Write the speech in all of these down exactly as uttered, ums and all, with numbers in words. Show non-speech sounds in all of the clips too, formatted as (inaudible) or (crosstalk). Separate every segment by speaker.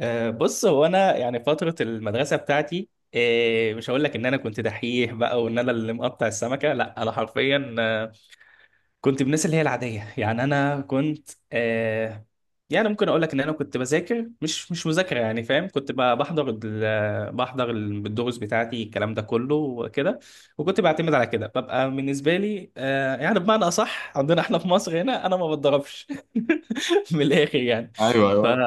Speaker 1: آه، بص هو انا يعني فتره المدرسه بتاعتي. آه، مش هقول لك ان انا كنت دحيح بقى وان انا اللي مقطع السمكه. لا انا حرفيا آه، كنت من الناس اللي هي العاديه، يعني انا كنت، آه، يعني ممكن اقول لك ان انا كنت بذاكر مش مش مذاكره يعني، فاهم؟ كنت ب- بحضر ال- بحضر الدروس بتاعتي الكلام ده كله وكده. وكنت بعتمد على كده ببقى بالنسبه لي، آه، يعني بمعنى اصح عندنا احنا في مصر هنا انا ما بتضربش (laughs) من الاخر يعني.
Speaker 2: ايوه،
Speaker 1: ف
Speaker 2: ايوه.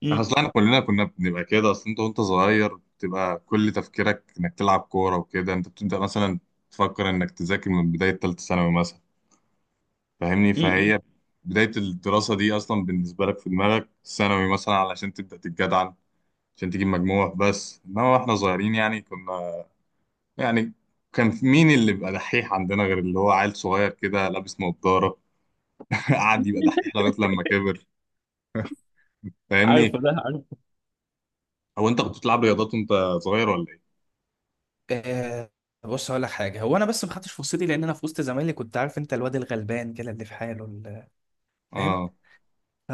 Speaker 1: م-
Speaker 2: اصل احنا كلنا كنا بنبقى كده. اصل انت وانت صغير بتبقى كل تفكيرك انك تلعب كوره وكده. انت بتبدا مثلا تفكر انك تذاكر من بدايه ثالثه ثانوي مثلا. فاهمني؟
Speaker 1: م- م.
Speaker 2: فهي بدايه الدراسه دي اصلا بالنسبه لك في دماغك ثانوي مثلا علشان تبدا تتجدعن، عشان تجيب مجموع. بس انما احنا صغيرين يعني كنا يعني كان في- مين اللي بيبقى دحيح عندنا غير اللي هو عيل صغير كده لابس نظاره؟ (laughs) قعد يبقى دحيح لغايه لما كبر. فاهمني؟
Speaker 1: عارفه ده، عارفه.
Speaker 2: هو انت كنت بتلعب رياضات وانت صغير ولا ايه؟
Speaker 1: آه بص هقول لك حاجه، هو انا بس ما خدتش فرصتي لان انا في وسط زمايلي كنت، عارف انت الواد الغلبان كده اللي في حاله اللي- فاهم؟
Speaker 2: اه.
Speaker 1: ف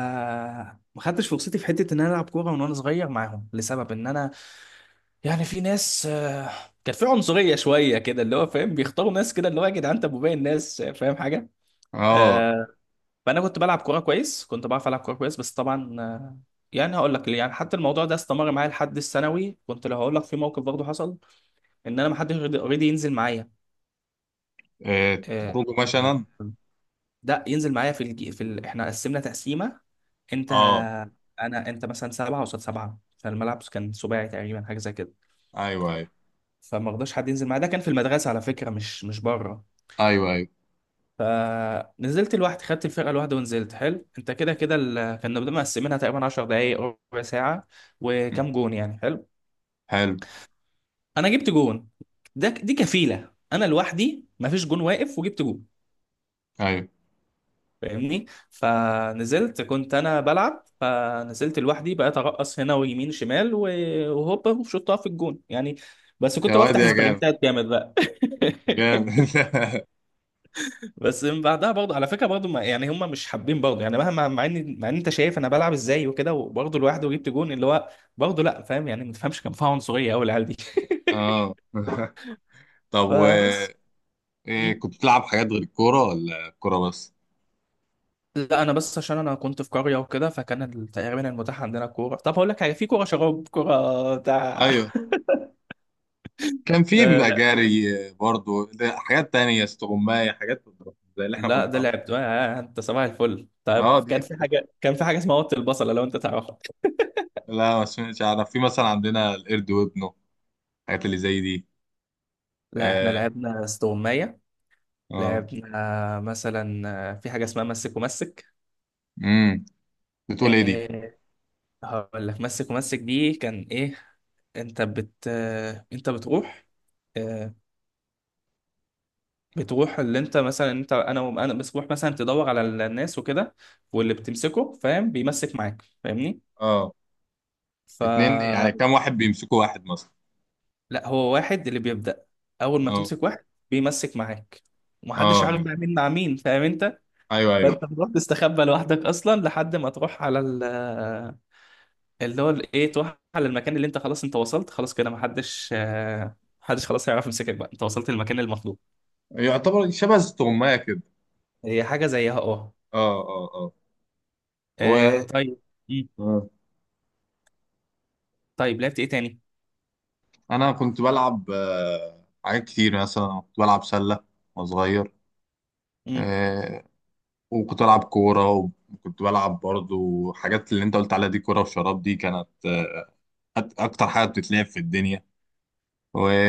Speaker 1: ما خدتش فرصتي في حته ان انا العب كوره من وانا صغير معاهم، لسبب ان انا يعني في ناس، آه، كان في عنصريه شويه كده اللي هو فاهم، بيختاروا ناس كده اللي هو يا جدعان انت ابو باقي الناس، فاهم حاجه؟
Speaker 2: اه.
Speaker 1: آه. فانا كنت بلعب كوره كويس، كنت بعرف العب كوره كويس بس طبعا، آه، يعني هقول لك ليه. يعني حتى الموضوع ده استمر معايا لحد الثانوي، كنت لو هقول لك في موقف برضه حصل، ان انا ما حدش رضي رضي ينزل معايا.
Speaker 2: إيه،
Speaker 1: آه،
Speaker 2: تخرجوا
Speaker 1: آه،
Speaker 2: مثلا.
Speaker 1: ده ينزل معايا في الجي... في ال... احنا قسمنا تقسيمه، انت
Speaker 2: اه.
Speaker 1: انا انت مثلا سبعه قصاد سبعه، فالملعب كان سباعي تقريبا حاجه زي كده.
Speaker 2: ايوه، ايوه،
Speaker 1: فما رضاش حد ينزل معايا، ده كان في المدرسه على فكره، مش مش بره.
Speaker 2: ايوه، ايوه.
Speaker 1: فنزلت لوحدي، خدت الفرقه لوحدي ونزلت، حلو؟ انت كده كده ال... كنا بنبقى مقسمينها تقريبا عشر دقائق ربع ساعه،
Speaker 2: م.
Speaker 1: وكام جون يعني. حلو،
Speaker 2: حلو.
Speaker 1: انا جبت جون. ده دي كفيله، انا لوحدي ما فيش جون واقف وجبت جون.
Speaker 2: ايوه،
Speaker 1: فاهمني؟ فنزلت كنت انا بلعب، فنزلت لوحدي بقيت ارقص هنا ويمين شمال و- وهوبا وشطها في الجون يعني. بس
Speaker 2: يا
Speaker 1: كنت
Speaker 2: واد
Speaker 1: بفتح
Speaker 2: يا جامد.
Speaker 1: سبرنتات جامد بقى.
Speaker 2: جامد. (laughs)
Speaker 1: (laughs) بس من بعدها برضه، على فكره برضه ما- يعني هم مش حابين برضه، يعني مهما مع ان مع ان انت شايف انا بلعب ازاي وكده، وبرضه لوحدي وجبت جون اللي هو، برضه لا فاهم يعني، ما تفهمش، كان فيها عنصريه قوي العيال دي. (laughs)
Speaker 2: اه. (laughs) طب و.
Speaker 1: فبس.
Speaker 2: إيه،
Speaker 1: مم.
Speaker 2: كنت بتلعب حاجات غير الكوره ولا الكوره بس؟
Speaker 1: لا انا بس عشان انا كنت في قريه وكده، فكان ال- تقريبا المتاح عندنا كوره. طب هقول لك حاجه، في كوره شراب كوره بتاع،
Speaker 2: ايوه. كان في
Speaker 1: آه
Speaker 2: بيبقى
Speaker 1: لا.
Speaker 2: جري، آه، برضو. ده حاجات تانية، استغماية، حاجات زي اللي احنا كنا
Speaker 1: لا ده
Speaker 2: بنلعبها.
Speaker 1: لعبته آه، انت صباح الفل. طيب
Speaker 2: اه دي.
Speaker 1: كان في حاجه، كان في حاجه اسمها وط البصله لو انت تعرفها.
Speaker 2: لا ما سمعتش، اعرف في مثلا عندنا القرد وابنه، الحاجات اللي زي دي.
Speaker 1: لا احنا
Speaker 2: اه.
Speaker 1: لعبنا استغمايه،
Speaker 2: اه.
Speaker 1: لعبنا مثلا، آه، في حاجه اسمها مسك ومسك.
Speaker 2: امم بتقول ايه دي؟
Speaker 1: آه هقول لك، مسك ومسك دي كان ايه؟ انت بت آه، انت بتروح، آه، بتروح اللي انت مثلا انت انا انا بتروح مثلا تدور على الناس وكده، واللي بتمسكه فاهم بيمسك معاك. فاهمني؟
Speaker 2: اه.
Speaker 1: ف
Speaker 2: اتنين يعني؟ كام واحد بيمسكوا واحد مثلا؟
Speaker 1: لا هو واحد اللي بيبدأ. أول ما
Speaker 2: اه.
Speaker 1: تمسك واحد بيمسك معاك، ومحدش
Speaker 2: اه
Speaker 1: عارف
Speaker 2: نعم.
Speaker 1: بقى مين مع مين، فاهم أنت؟
Speaker 2: ايوه،
Speaker 1: فأنت
Speaker 2: ايوه.
Speaker 1: بتروح تستخبى لوحدك أصلا لحد ما تروح على ال- اللي هو ال- إيه تروح على المكان اللي أنت خلاص أنت وصلت، خلاص كده محدش، آه، محدش خلاص هيعرف يمسكك بقى، أنت وصلت للمكان المطلوب.
Speaker 2: يعتبر شبه استغماية كده.
Speaker 1: هي حاجة زيها أه.
Speaker 2: اه. اه. اه.
Speaker 1: آه،
Speaker 2: و
Speaker 1: طيب. مم.
Speaker 2: آه.
Speaker 1: طيب لعبت إيه تاني؟
Speaker 2: انا كنت بلعب آه، حاجات كتير، مثلا كنت بلعب سلة وانا صغير.
Speaker 1: مم.
Speaker 2: آه، وكنت بلعب كورة. وكنت بلعب برضو حاجات اللي انت قلت عليها دي. كورة وشراب دي كانت آه، أك- اكتر حاجة بتتلعب في الدنيا.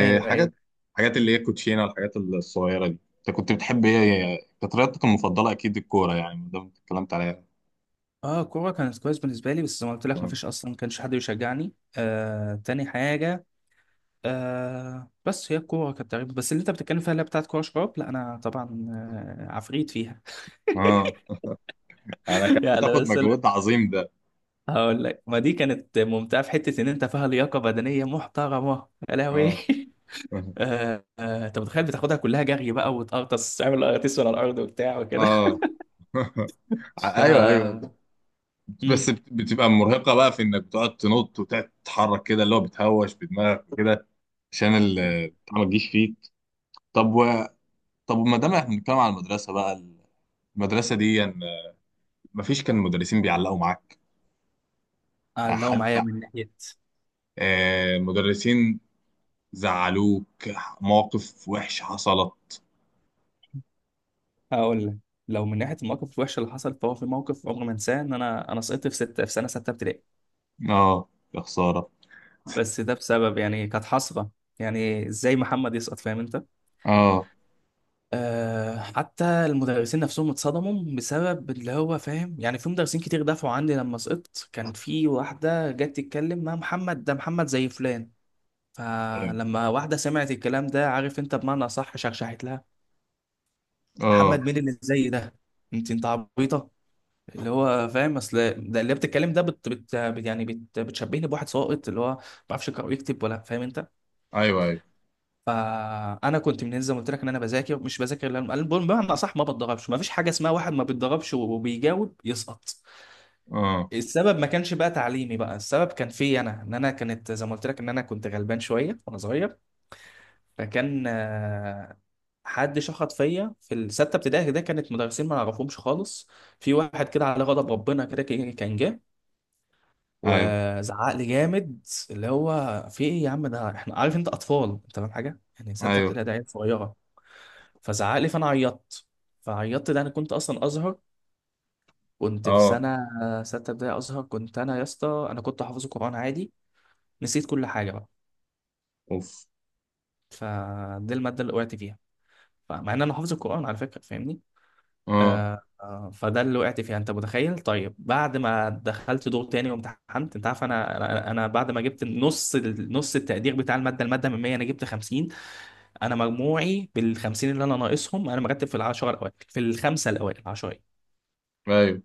Speaker 1: ايوه ايوه.
Speaker 2: حاجات اللي هي كوتشينة، والحاجات الصغيرة دي. انت كنت بتحب ايه؟ كانت رياضتك المفضلة اكيد الكورة يعني، ده اللي اتكلمت عليها.
Speaker 1: اه الكوره كانت كويس بالنسبه لي، بس زي ما قلت لك ما
Speaker 2: اه.
Speaker 1: فيش اصلا، ما كانش حد يشجعني. آه تاني حاجه، آه بس هي الكورة كانت تقريبا. بس اللي انت بتتكلم فيها اللي هي بتاعت كورة شراب، لا انا طبعا، آه، عفريت فيها.
Speaker 2: اه. انا
Speaker 1: (laughs)
Speaker 2: كانت
Speaker 1: يعني
Speaker 2: بتاخد
Speaker 1: مثلا،
Speaker 2: مجهود عظيم ده.
Speaker 1: هقول لك ما دي كانت ممتعة في حتة ان انت فيها لياقة بدنية محترمة، يا لهوي.
Speaker 2: اه.
Speaker 1: (laughs) آه، آه، انت متخيل بتاخدها كلها جري بقى، وتقرطس تعمل قراطيس على الارض وبتاع وكده.
Speaker 2: اه. (laughs)
Speaker 1: (laughs) ف
Speaker 2: ع- ايوه، ايوه.
Speaker 1: مم.
Speaker 2: بس بت- بتبقى مرهقه بقى في انك بتقعد تنط وتقعد تتحرك كده، اللي هو بتهوش بدماغك كده عشان ال- البتاع ما تجيش فيك. طب و. طب ما دام احنا بنتكلم على المدرسه بقى، المدرسه دي يعني ما فيش كان مدرسين بيعلقوا معاك؟
Speaker 1: آه، لو
Speaker 2: حد
Speaker 1: معايا من ناحية.
Speaker 2: آه مدرسين زعلوك؟ مواقف وحشه حصلت؟
Speaker 1: هقول لك، لو من ناحية المواقف الوحشة اللي حصلت فهو في موقف عمري ما انساه، ان انا انا سقطت في ستة في سنة ستة ابتدائي.
Speaker 2: اه. يا خساره.
Speaker 1: بس ده بسبب، يعني كانت حسرة يعني، ازاي محمد يسقط؟ فاهم انت؟
Speaker 2: اه.
Speaker 1: أه حتى المدرسين نفسهم اتصدموا بسبب اللي هو فاهم يعني، في مدرسين كتير دافعوا عني لما سقطت. كان في واحدة جت تتكلم، ما محمد ده محمد زي فلان. فلما واحدة سمعت الكلام ده عارف انت بمعنى صح، شرشحت لها.
Speaker 2: اه.
Speaker 1: محمد مين اللي زي ده؟ انت انت عبيطة. اللي هو فاهم اصل، ده اللي بتتكلم ده بت بت بت- يعني بت بتشبهني بواحد ساقط اللي هو ما بيعرفش يقرأ ويكتب، ولا فاهم انت؟
Speaker 2: ايوه، أيوه.
Speaker 1: فانا كنت من زي ما قلت لك ان انا بذاكر مش بذاكر، لأن- أنا بقول بمعنى اصح ما بتدربش، ما فيش حاجه اسمها واحد ما بيتدربش وبيجاوب يسقط.
Speaker 2: اه.
Speaker 1: السبب ما كانش بقى تعليمي بقى، السبب كان فيا انا، ان انا كانت زي ما قلت لك ان انا كنت غلبان شويه وانا صغير. فكان آه، حد شخط فيا في السته ابتدائي ده، كانت مدرسين ما نعرفهمش خالص. في واحد كده على غضب ربنا كده كان كان جه
Speaker 2: ايوه،
Speaker 1: وزعق لي جامد، اللي هو في ايه يا عم؟ ده احنا، عارف انت اطفال انت؟ فاهم حاجه؟ يعني سته
Speaker 2: ايوه.
Speaker 1: ابتدائي ده عيال صغيره. فزعق لي فانا عيطت. فعيطت، ده انا كنت اصلا ازهر، كنت في
Speaker 2: اه.
Speaker 1: سنه سته ابتدائي ازهر. كنت انا يا اسطى انا كنت حافظ القران عادي. نسيت كل حاجه بقى.
Speaker 2: اوف.
Speaker 1: فدي الماده اللي وقعت فيها، فمع ان انا حافظ القران على فكره. فاهمني؟
Speaker 2: اه.
Speaker 1: آه آه، فده اللي وقعت فيها. انت متخيل؟ طيب بعد ما دخلت دور تاني وامتحنت انت عارف انا انا أنا بعد ما جبت نص ال- نص التقدير بتاع الماده، الماده من مية انا جبت خمسين. انا مجموعي بال خمسين اللي انا ناقصهم، انا مرتب في العشره الاوائل في الخمسه الاوائل عشره.
Speaker 2: ايوه، ان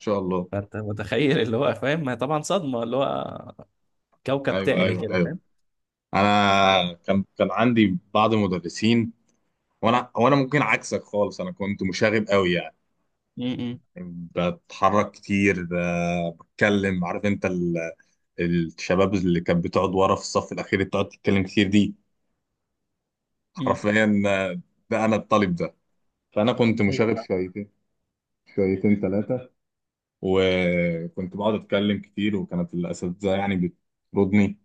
Speaker 2: شاء الله.
Speaker 1: فانت متخيل اللي هو فاهم، ما هي طبعا صدمه اللي هو، كوكب
Speaker 2: ايوه،
Speaker 1: تاني
Speaker 2: ايوه،
Speaker 1: كده
Speaker 2: ايوه.
Speaker 1: فاهم.
Speaker 2: انا كان كان عندي بعض المدرسين. وانا وانا ممكن عكسك خالص، انا كنت مشاغب قوي يعني.
Speaker 1: م- م-
Speaker 2: بتحرك كتير، ب- بتكلم. عارف انت ال- الشباب اللي كانت بتقعد ورا في الصف الاخير اللي بتقعد تتكلم كتير دي؟
Speaker 1: م.
Speaker 2: حرفيا آه، ده انا الطالب ده. فانا كنت
Speaker 1: ايوه
Speaker 2: مشاغب شويتين، شويتين، ثلاثه. وكنت بقعد اتكلم كتير، وكانت الاساتذه يعني بتطردني.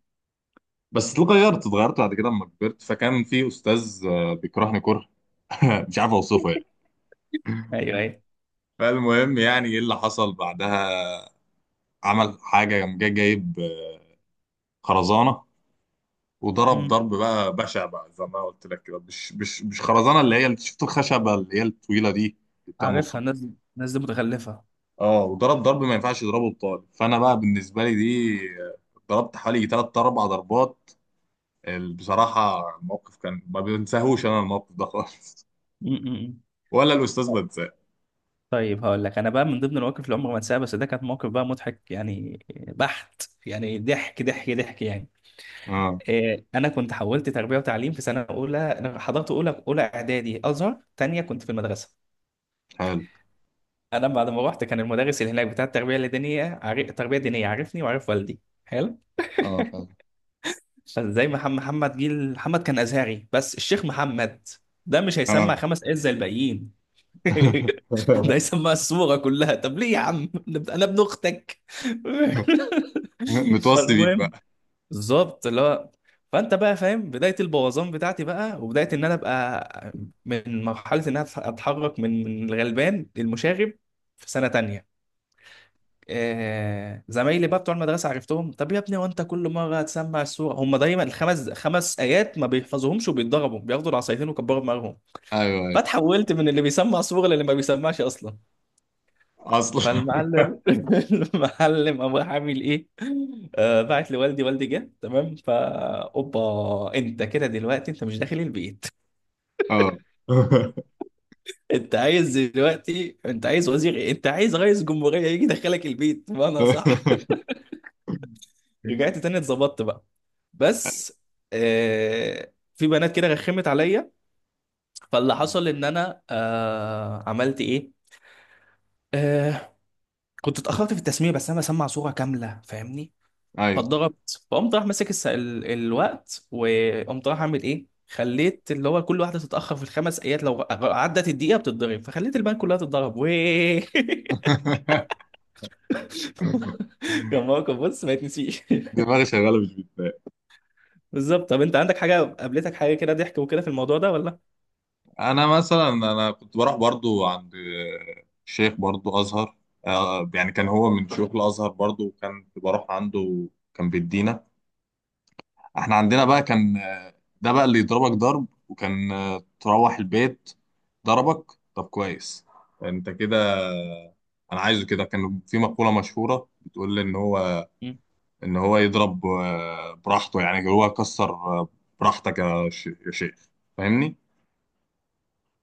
Speaker 2: بس اتغيرت اتغيرت بعد كده لما كبرت. فكان في استاذ آه، بيكرهني كره (laughs) مش عارف اوصفه يعني.
Speaker 1: ايوه ايوه.
Speaker 2: فالمهم، يعني ايه اللي حصل بعدها؟ عمل حاجه، قام جاي جايب آه، خرزانه، وضرب
Speaker 1: م.
Speaker 2: ضرب بقى بشع بقى، زي ما قلت لك. كده مش مش مش خرزانه اللي هي اللي شفت الخشبه اللي هي الطويله دي اللي بتبقى مص-
Speaker 1: عارفها، الناس دي الناس دي متخلفه.
Speaker 2: اه. وضرب ضرب، ما ينفعش يضربه الطالب. فانا بقى بالنسبه لي دي آه، ضربت حوالي ثلاث اربع ضربات. ال- بصراحة الموقف كان ما بنساهوش، أنا الموقف ده خالص
Speaker 1: م- م- م.
Speaker 2: (laughs) ولا الأستاذ
Speaker 1: طب-
Speaker 2: بنساه.
Speaker 1: طيب هقول لك، انا بقى من ضمن المواقف اللي عمري ما انساها، بس ده كانت موقف بقى مضحك يعني، بحت يعني، ضحك ضحك ضحك يعني.
Speaker 2: اه.
Speaker 1: إيه، انا كنت حولت تربيه وتعليم في سنه اولى، انا حضرت اولى اولى اعدادي ازهر تانية كنت في المدرسه.
Speaker 2: حلو.
Speaker 1: انا بعد ما رحت كان المدرس اللي هناك بتاع التربيه الدينيه عارف، التربيه الدينيه عارفني وعارف والدي، حلو.
Speaker 2: اه، فعلا.
Speaker 1: زي محمد محمد جيل محمد كان ازهري، بس الشيخ محمد ده مش
Speaker 2: اه.
Speaker 1: هيسمع خمس آيات زي الباقيين. (laughs) ده هيسمع السورة كلها، طب ليه يا عم انا ابن اختك.
Speaker 2: (laughs)
Speaker 1: (laughs)
Speaker 2: متوصي بيك
Speaker 1: فالمهم،
Speaker 2: بقى.
Speaker 1: بالظبط اللي هو، فانت بقى فاهم بدايه البوظان بتاعتي بقى، وبدايه ان انا ابقى، من مرحله ان انا اتحرك من من الغلبان للمشاغب في سنه تانية. آه، زمايلي بقى بتوع المدرسه عرفتهم، طب يا ابني وانت كل مره هتسمع السوره؟ هم دايما الخمس خمس ايات ما بيحفظوهمش وبيتضربوا، بياخدوا العصايتين وكبروا دماغهم.
Speaker 2: أيوه، أيوه.
Speaker 1: فاتحولت من اللي بيسمع سوره للي ما بيسمعش اصلا.
Speaker 2: أصلا.
Speaker 1: فالمعلم (laughs) المعلم قام راح عامل ايه؟ آه بعت لوالدي، والدي جه تمام فا اوبا انت كده، دلوقتي انت مش داخل البيت.
Speaker 2: اه.
Speaker 1: (laughs) انت عايز دلوقتي انت عايز وزير ايه؟ انت عايز رئيس جمهوريه يجي يدخلك البيت، ما انا صح. رجعت تاني اتظبطت بقى. بس آه في بنات كده رخمت عليا. فاللي حصل ان انا آه عملت ايه، آه كنت اتاخرت في التسميه، بس انا بسمع صوره كامله. فاهمني؟
Speaker 2: أيوه.
Speaker 1: فاتضربت، فقمت راح ماسك الس... ال... الوقت، وقمت راح اعمل ايه، خليت اللي هو كل واحده تتاخر في الخمس ايات لو عدت الدقيقه بتتضرب، فخليت البنات كلها تتضرب ويه.
Speaker 2: (laughs)
Speaker 1: (laughs) كان موقف بص ما يتنسيش.
Speaker 2: دماغي شغالة، مش بتبقى.
Speaker 1: (laughs) بالظبط. طب انت عندك حاجه قابلتك حاجه كده ضحك وكده في الموضوع ده ولا؟
Speaker 2: أنا مثلا، أنا كنت بروح برضو عند شيخ برضو أزهر. آه، يعني كان هو من شيوخ الأزهر برضو، وكان بروح عنده. كان بيدينا. احنا عندنا بقى كان آه، ده بقى اللي يضربك ضرب. وكان آه، تروح البيت ضربك، طب كويس، انت كده. انا عايزه كده. كان في مقولة مشهورة بتقول ان هو ان هو يضرب آه، براحته، يعني هو كسر آه، براحتك يا ش- يا شيخ. فاهمني؟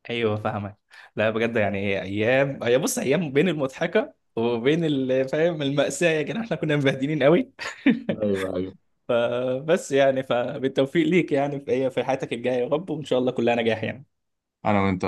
Speaker 1: ايوه فاهمك. لا بجد يعني، ايام هي بص، ايام بين المضحكه وبين ال- فاهم المأساة يا جدعان، احنا كنا مبهدلين قوي. (laughs)
Speaker 2: ايوه، ايوه.
Speaker 1: فبس يعني، فبالتوفيق ليك يعني في في حياتك الجايه يا رب، وان شاء الله كلها نجاح يعني.
Speaker 2: انا وانت